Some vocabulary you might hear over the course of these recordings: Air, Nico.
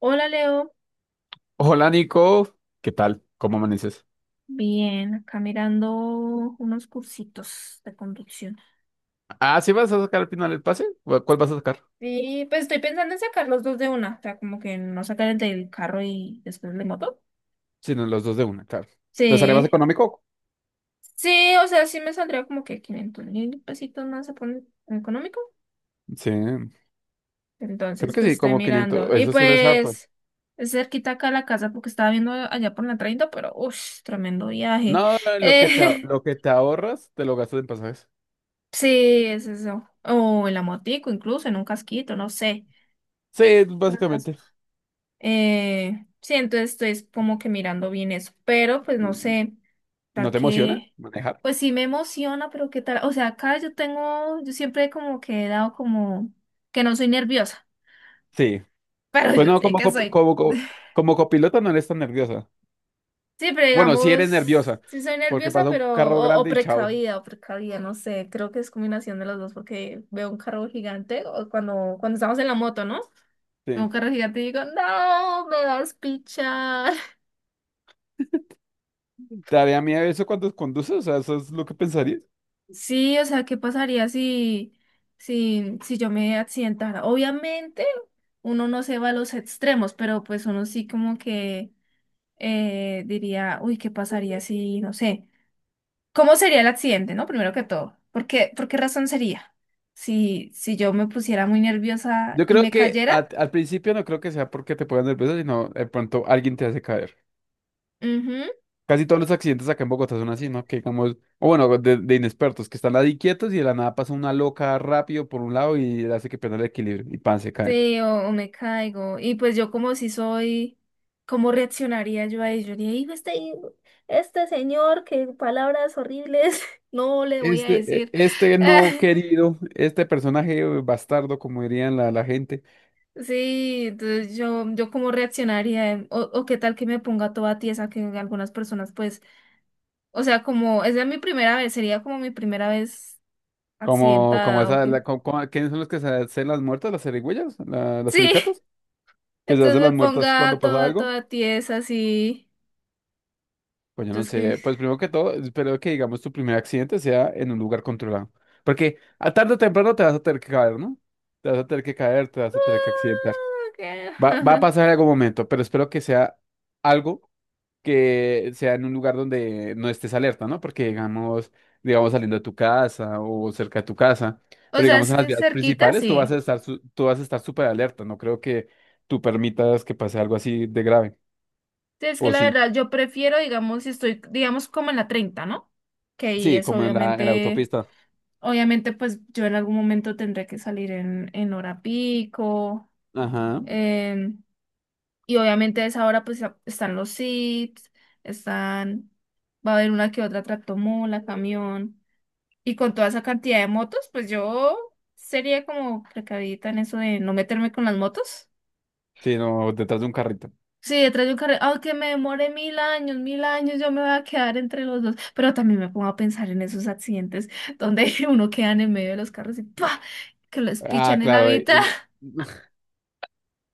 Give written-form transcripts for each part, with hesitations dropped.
Hola Leo, Hola Nico, ¿qué tal? ¿Cómo amaneces? bien, acá mirando unos cursitos de conducción. Ah, ¿sí vas a sacar al final el pase? ¿O ¿Cuál vas a sacar? Sí, pues estoy pensando en sacar los dos de una, o sea, como que no sacar el del carro y después el de moto. Si no, los dos de una, claro. ¿Te sale más Sí, económico? sí, o sea, sí me saldría como que 500.000 pesitos más se pone económico. Sí, creo Entonces, que pues sí, estoy como 500, mirando. Y eso siempre es harto. pues es cerquita acá la casa porque estaba viendo allá por la 30, pero uff, tremendo viaje. No, Eh, lo que te ahorras, te lo gastas en pasajes. sí, es eso. O en la motico, incluso en un casquito, no sé. Sí, Cosas. básicamente. Sí, entonces estoy como que mirando bien eso, pero pues no sé, ¿No tal te emociona que, manejar? pues sí me emociona, pero qué tal, o sea, acá yo tengo, yo siempre como que he dado como que no soy nerviosa, Sí. pero Pues yo no, sé que soy. Como copiloto no eres tan nerviosa. Sí, pero Bueno, sí digamos, eres nerviosa, sí soy porque nerviosa, pasa un pero, carro o grande y chao. precavida, o precavida, no sé, creo que es combinación de los dos, porque veo un carro gigante, o cuando estamos en la moto, ¿no? Veo Sí. un carro gigante y digo, no, me vas a pichar. ¿Te daría miedo eso cuando conduces? O sea, ¿eso es lo que pensarías? Sí, o sea, ¿qué pasaría si yo me accidentara? Obviamente, uno no se va a los extremos, pero pues uno sí como que diría, uy, ¿qué pasaría si, no sé, cómo sería el accidente, ¿no? Primero que todo, ¿por qué razón sería? Si yo me pusiera muy nerviosa Yo y creo me que cayera, al principio no creo que sea porque te pongas nervioso, sino de pronto alguien te hace caer. ujú. Casi todos los accidentes acá en Bogotá son así, ¿no? Que digamos, o bueno, de inexpertos, que están ahí quietos y de la nada pasa una loca rápido por un lado y hace que pierda el equilibrio y pan, se caen. Sí, o me caigo. Y pues yo como si soy, ¿cómo reaccionaría yo a ello? Diría, "Hijo, este señor, qué palabras horribles, no le voy a decir. Este no querido, este personaje bastardo, como dirían la gente, Sí, entonces yo cómo reaccionaría, o qué tal que me ponga toda tiesa, que algunas personas pues, o sea, como, esa es mi primera vez, sería como mi primera vez como, como accidentada, o esa, qué. ¿Quiénes son los que se hacen las muertas, las serigüeyas, las Sí, suricatas? Que se entonces hacen las me muertas ponga cuando pasa toda, algo. toda tiesa, así, Pues yo no entonces que... sé, pues primero que todo, espero que digamos tu primer accidente sea en un lugar controlado. Porque a tarde o temprano te vas a tener que caer, ¿no? Te vas a tener que caer, te vas a tener que accidentar. Ah, ok. Va a pasar en algún momento, pero espero que sea algo que sea en un lugar donde no estés alerta, ¿no? Porque digamos, digamos saliendo de tu casa o cerca de tu casa, O pero sea, digamos es en las que vías cerquita, principales sí. Tú vas a estar súper alerta. No creo que tú permitas que pase algo así de grave. Sí, es que O la sí, verdad yo prefiero, digamos, si estoy, digamos, como en la 30, ¿no? Que ahí sí, es como en la obviamente, autopista. obviamente, pues yo en algún momento tendré que salir en, hora pico. Ajá. em, y obviamente a esa hora, pues están los SITs, están, va a haber una que otra tractomola, camión. Y con toda esa cantidad de motos, pues yo sería como precavida en eso de no meterme con las motos. Sí, no, detrás de un carrito. Sí, detrás de un carril, aunque me demore mil años, yo me voy a quedar entre los dos. Pero también me pongo a pensar en esos accidentes donde uno queda en el medio de los carros y ¡pa! Que los Ah, pichan en la claro. Mitad.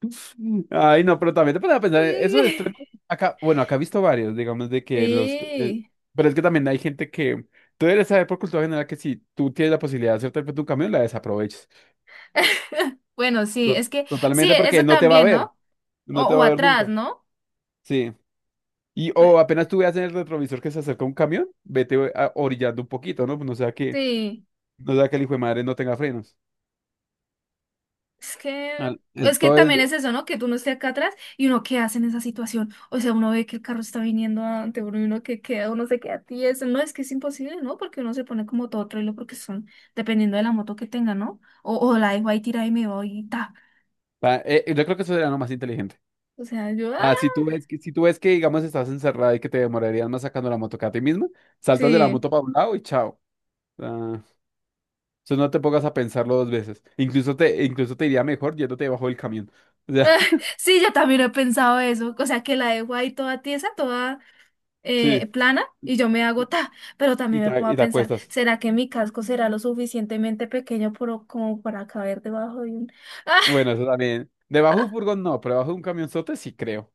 Ay, no, pero también te pones a pensar, eso de extremos, acá, bueno, acá he visto varios, digamos, Sí. pero es que también hay gente que tú debes saber por cultura general que si tú tienes la posibilidad de hacerte frente a un camión, la desaproveches. Bueno, sí, To- es que sí, Totalmente porque eso no te va a también, ver, ¿no? O, no te o va a ver atrás, nunca. ¿no? Sí. Y Pe- o apenas tú veas en el retrovisor que se acerca un camión, vete orillando un poquito, ¿no? Pues no sea que, Sí. no sea que el hijo de madre no tenga frenos. Es que, Al- eh, es que Todo también es, es eso, ¿no? Que tú no estés acá atrás y uno qué hace en esa situación. O sea, uno ve que el carro está viniendo ante uno y uno que queda, uno se queda a ti. Eso no, es que es imposible, ¿no? Porque uno se pone como todo trailer porque son, dependiendo de la moto que tenga, ¿no? O la dejo ahí tirada y me voy y ta. Yo creo que eso sería lo más inteligente. O sea, yo, Ah, si tú ves que, si tú ves que, digamos, estás encerrada y que te demorarías más sacando la moto que a ti misma, saltas de la sí. moto para un lado y chao. Ah, eso no te pongas a pensarlo dos veces. Incluso te iría mejor yéndote debajo del camión. O sea, Sí, yo también he pensado eso. O sea, que la dejo ahí toda tiesa, toda sí. plana y yo me hago Y, ta. Pero también me puedo y te pensar, acuestas. ¿será que mi casco será lo suficientemente pequeño por, como para caber debajo de un... Bueno, eso también. Debajo de un furgón no, pero debajo de un camionzote sí creo.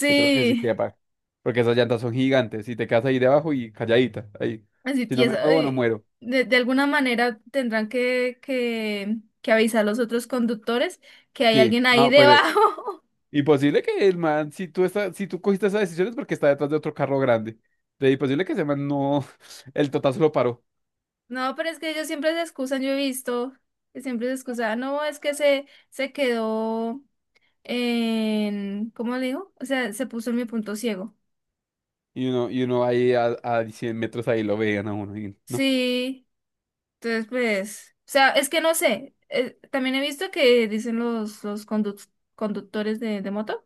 Sí creo que sí quepa. Porque esas llantas son gigantes y te quedas ahí debajo y calladita. Ahí. así Si no me tiesa. muevo, no Ay, muero. de alguna manera tendrán que, avisar a los otros conductores que hay Sí. alguien ahí No, pues debajo. y posible que el man, si tú cogiste esa decisión es porque está detrás de otro carro grande. Y posible que ese man no, el totazo lo paró. No, pero es que ellos siempre se excusan, yo he visto que siempre se excusan. No, es que se quedó en, ¿cómo le digo? O sea, se puso en mi punto ciego. Y uno ahí a 100 metros ahí lo veían a uno. Y no. Sí, entonces pues, o sea, es que no sé. También he visto que dicen los conductores de moto.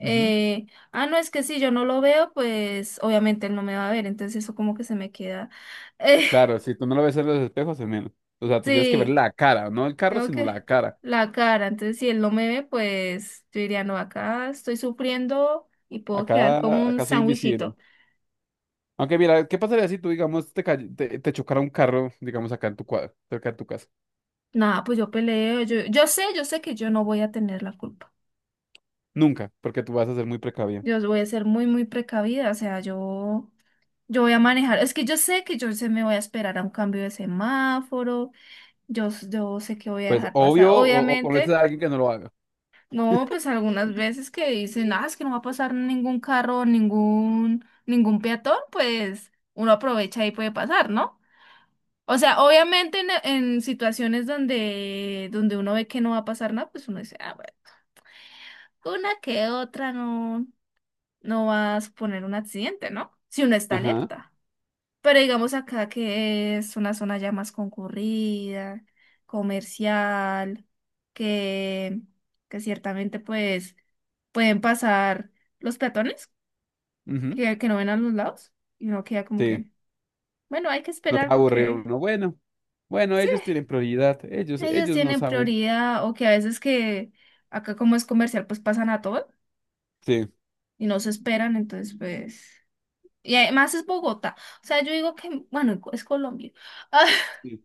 Ujú. ah, No, es que si yo no lo veo, pues obviamente él no me va a ver, entonces eso como que se me queda. eh, Claro, si tú no lo ves en los espejos, es menos. O sea, tú tienes que ver sí, la cara, no el carro, tengo sino que la cara. la cara, entonces si él no me ve, pues yo diría, no, acá estoy sufriendo y puedo quedar como Acá, un acá soy invisible. sándwichito. Aunque mira, ¿qué pasaría si tú, digamos, te chocara un carro, digamos, acá en tu cuadro, cerca de tu casa? Nada, pues yo peleo, yo sé, yo sé que yo no voy a tener la culpa. Nunca, porque tú vas a ser muy precavido. Yo voy a ser muy, muy precavida, o sea, yo voy a manejar, es que yo sé que yo se me voy a esperar a un cambio de semáforo. Yo sé que voy a Pues dejar pasar. obvio, o Obviamente, conoces a alguien que no lo haga. no, pues algunas veces que dicen, ah, es que no va a pasar ningún carro, ningún, ningún peatón, pues uno aprovecha y puede pasar, ¿no? O sea, obviamente en situaciones donde uno ve que no va a pasar nada, pues uno dice, ah, bueno, una que otra no, no va a suponer un accidente, ¿no? Si uno está Ajá, alerta. Pero digamos acá que es una zona ya más concurrida, comercial, que, que ciertamente pues pueden pasar los peatones ujú, que no ven a los lados y uno queda como sí. que, bueno, hay que Lo que esperar aburre a porque uno. Bueno, bueno, sí, ellos tienen prioridad. Ellos, ellos ellos no tienen saben. prioridad o que a veces que acá como es comercial pues pasan a todo Sí, y no se esperan, entonces pues... Y además es Bogotá. O sea, yo digo que, bueno, es Colombia. sí.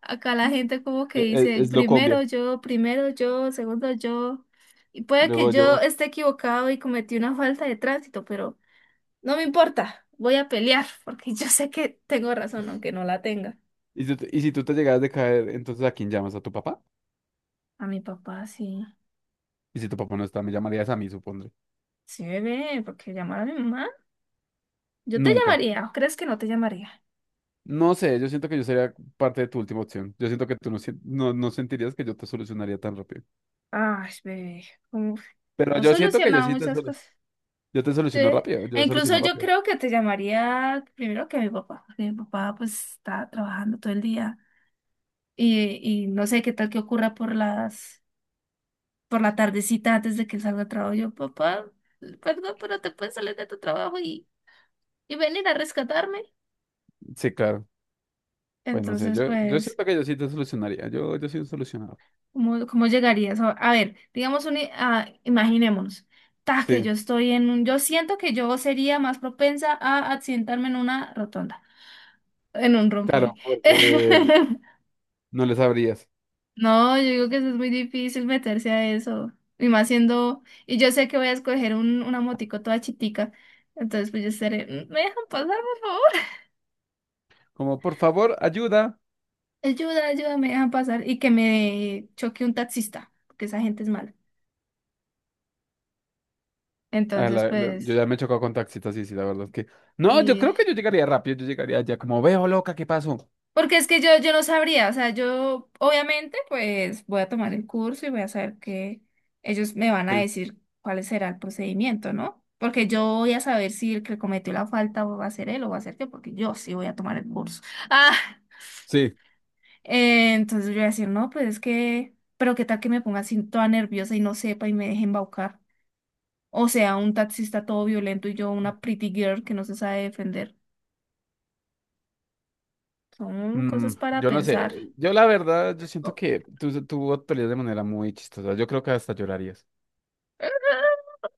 Acá la gente como que dice, Es, lo combia. Primero yo, segundo yo. Y puede que Luego yo yo. esté equivocado y cometí una falta de tránsito, pero no me importa, voy a pelear porque yo sé que tengo razón, aunque no la tenga. Y si tú te llegas de caer, entonces ¿a quién llamas? ¿A tu papá? A mi papá sí. Y si tu papá no está, me llamarías a mí, supondré. Sí, bebé, ¿por qué llamar a mi mamá? Yo te Nunca. llamaría, ¿o crees que no te llamaría? No sé, yo siento que yo sería parte de tu última opción. Yo siento que tú no, sien- no, no sentirías que yo te solucionaría tan rápido. Ay, bebé, como Pero no he yo siento que yo solucionado sí te muchas soluciono. cosas. Yo te Sí. soluciono rápido. E Yo incluso soluciono yo rápido. creo que te llamaría primero que mi papá, porque mi papá pues está trabajando todo el día y no sé qué tal que ocurra por las, por la tardecita antes de que él salga de trabajo. Yo, papá, perdón, pero te puedes salir de tu trabajo y... ¿Y venir a rescatarme? Sí, claro. Pues no sé, Entonces, yo pues, siento que yo sí te solucionaría. Yo soy un solucionador. ¿cómo llegarías? A ver, digamos, imaginémonos, que Sí, yo estoy en yo siento que yo sería más propensa a accidentarme en una rotonda, en un claro, rompoy. porque no le sabrías. No, yo digo que eso es muy difícil meterse a eso. Y más siendo, y yo sé que voy a escoger una motico toda chitica. Entonces, pues yo estaré, "Mm, ¿me dejan pasar, por favor? Como, por favor, ayuda. Ayuda, ayuda, me dejan pasar. Y que me choque un taxista, porque esa gente es mala. Ah, Entonces, yo pues, ya me he chocado con taxistas, sí, sí, la verdad es que. No, yo sí. creo que yo llegaría rápido, yo llegaría ya como, veo loca, ¿qué pasó? Porque es que yo no sabría, o sea, yo obviamente pues voy a tomar el curso y voy a saber que ellos me van a Sí. decir cuál será el procedimiento, ¿no? Porque yo voy a saber si el que cometió la falta va a ser él o va a ser yo, porque yo sí voy a tomar el curso. Ah, Sí. Entonces yo voy a decir, no, pues es que, pero qué tal que me ponga así toda nerviosa y no sepa y me deje embaucar. O sea, un taxista todo violento y yo una pretty girl que no se sabe defender. Son Mm, cosas para yo no sé. pensar. Yo la verdad, yo siento que tú actuarías de manera muy chistosa. Yo creo que hasta llorarías.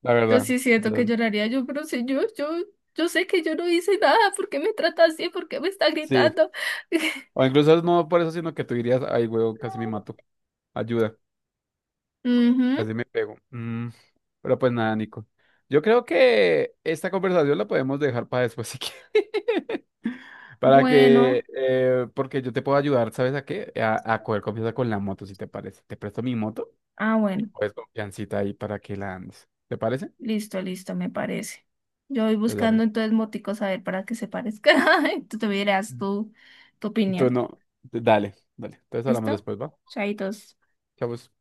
La Yo verdad. sí O siento sea, que lloraría yo, pero si yo, yo sé que yo no hice nada, ¿por qué me trata así? ¿Por qué me está sí. gritando? O incluso no por eso, sino que tú dirías, ay, huevo, casi me mato. Ayuda. Ujú, Así me pego. Mm, pero pues nada, Nico. Yo creo que esta conversación la podemos dejar para después si quieres. Bueno, porque yo te puedo ayudar, ¿sabes a qué? A coger confianza con la moto, si te parece. Te presto mi moto y bueno, coges confiancita ahí para que la andes. ¿Te parece? listo, listo, me parece. Yo voy Pues dale. buscando entonces moticos a ver para que se parezca. Tú te dirás tu, Tú opinión. no, dale, dale. Entonces hablamos ¿Listo? después, ¿va? Chaitos. Chao, pues.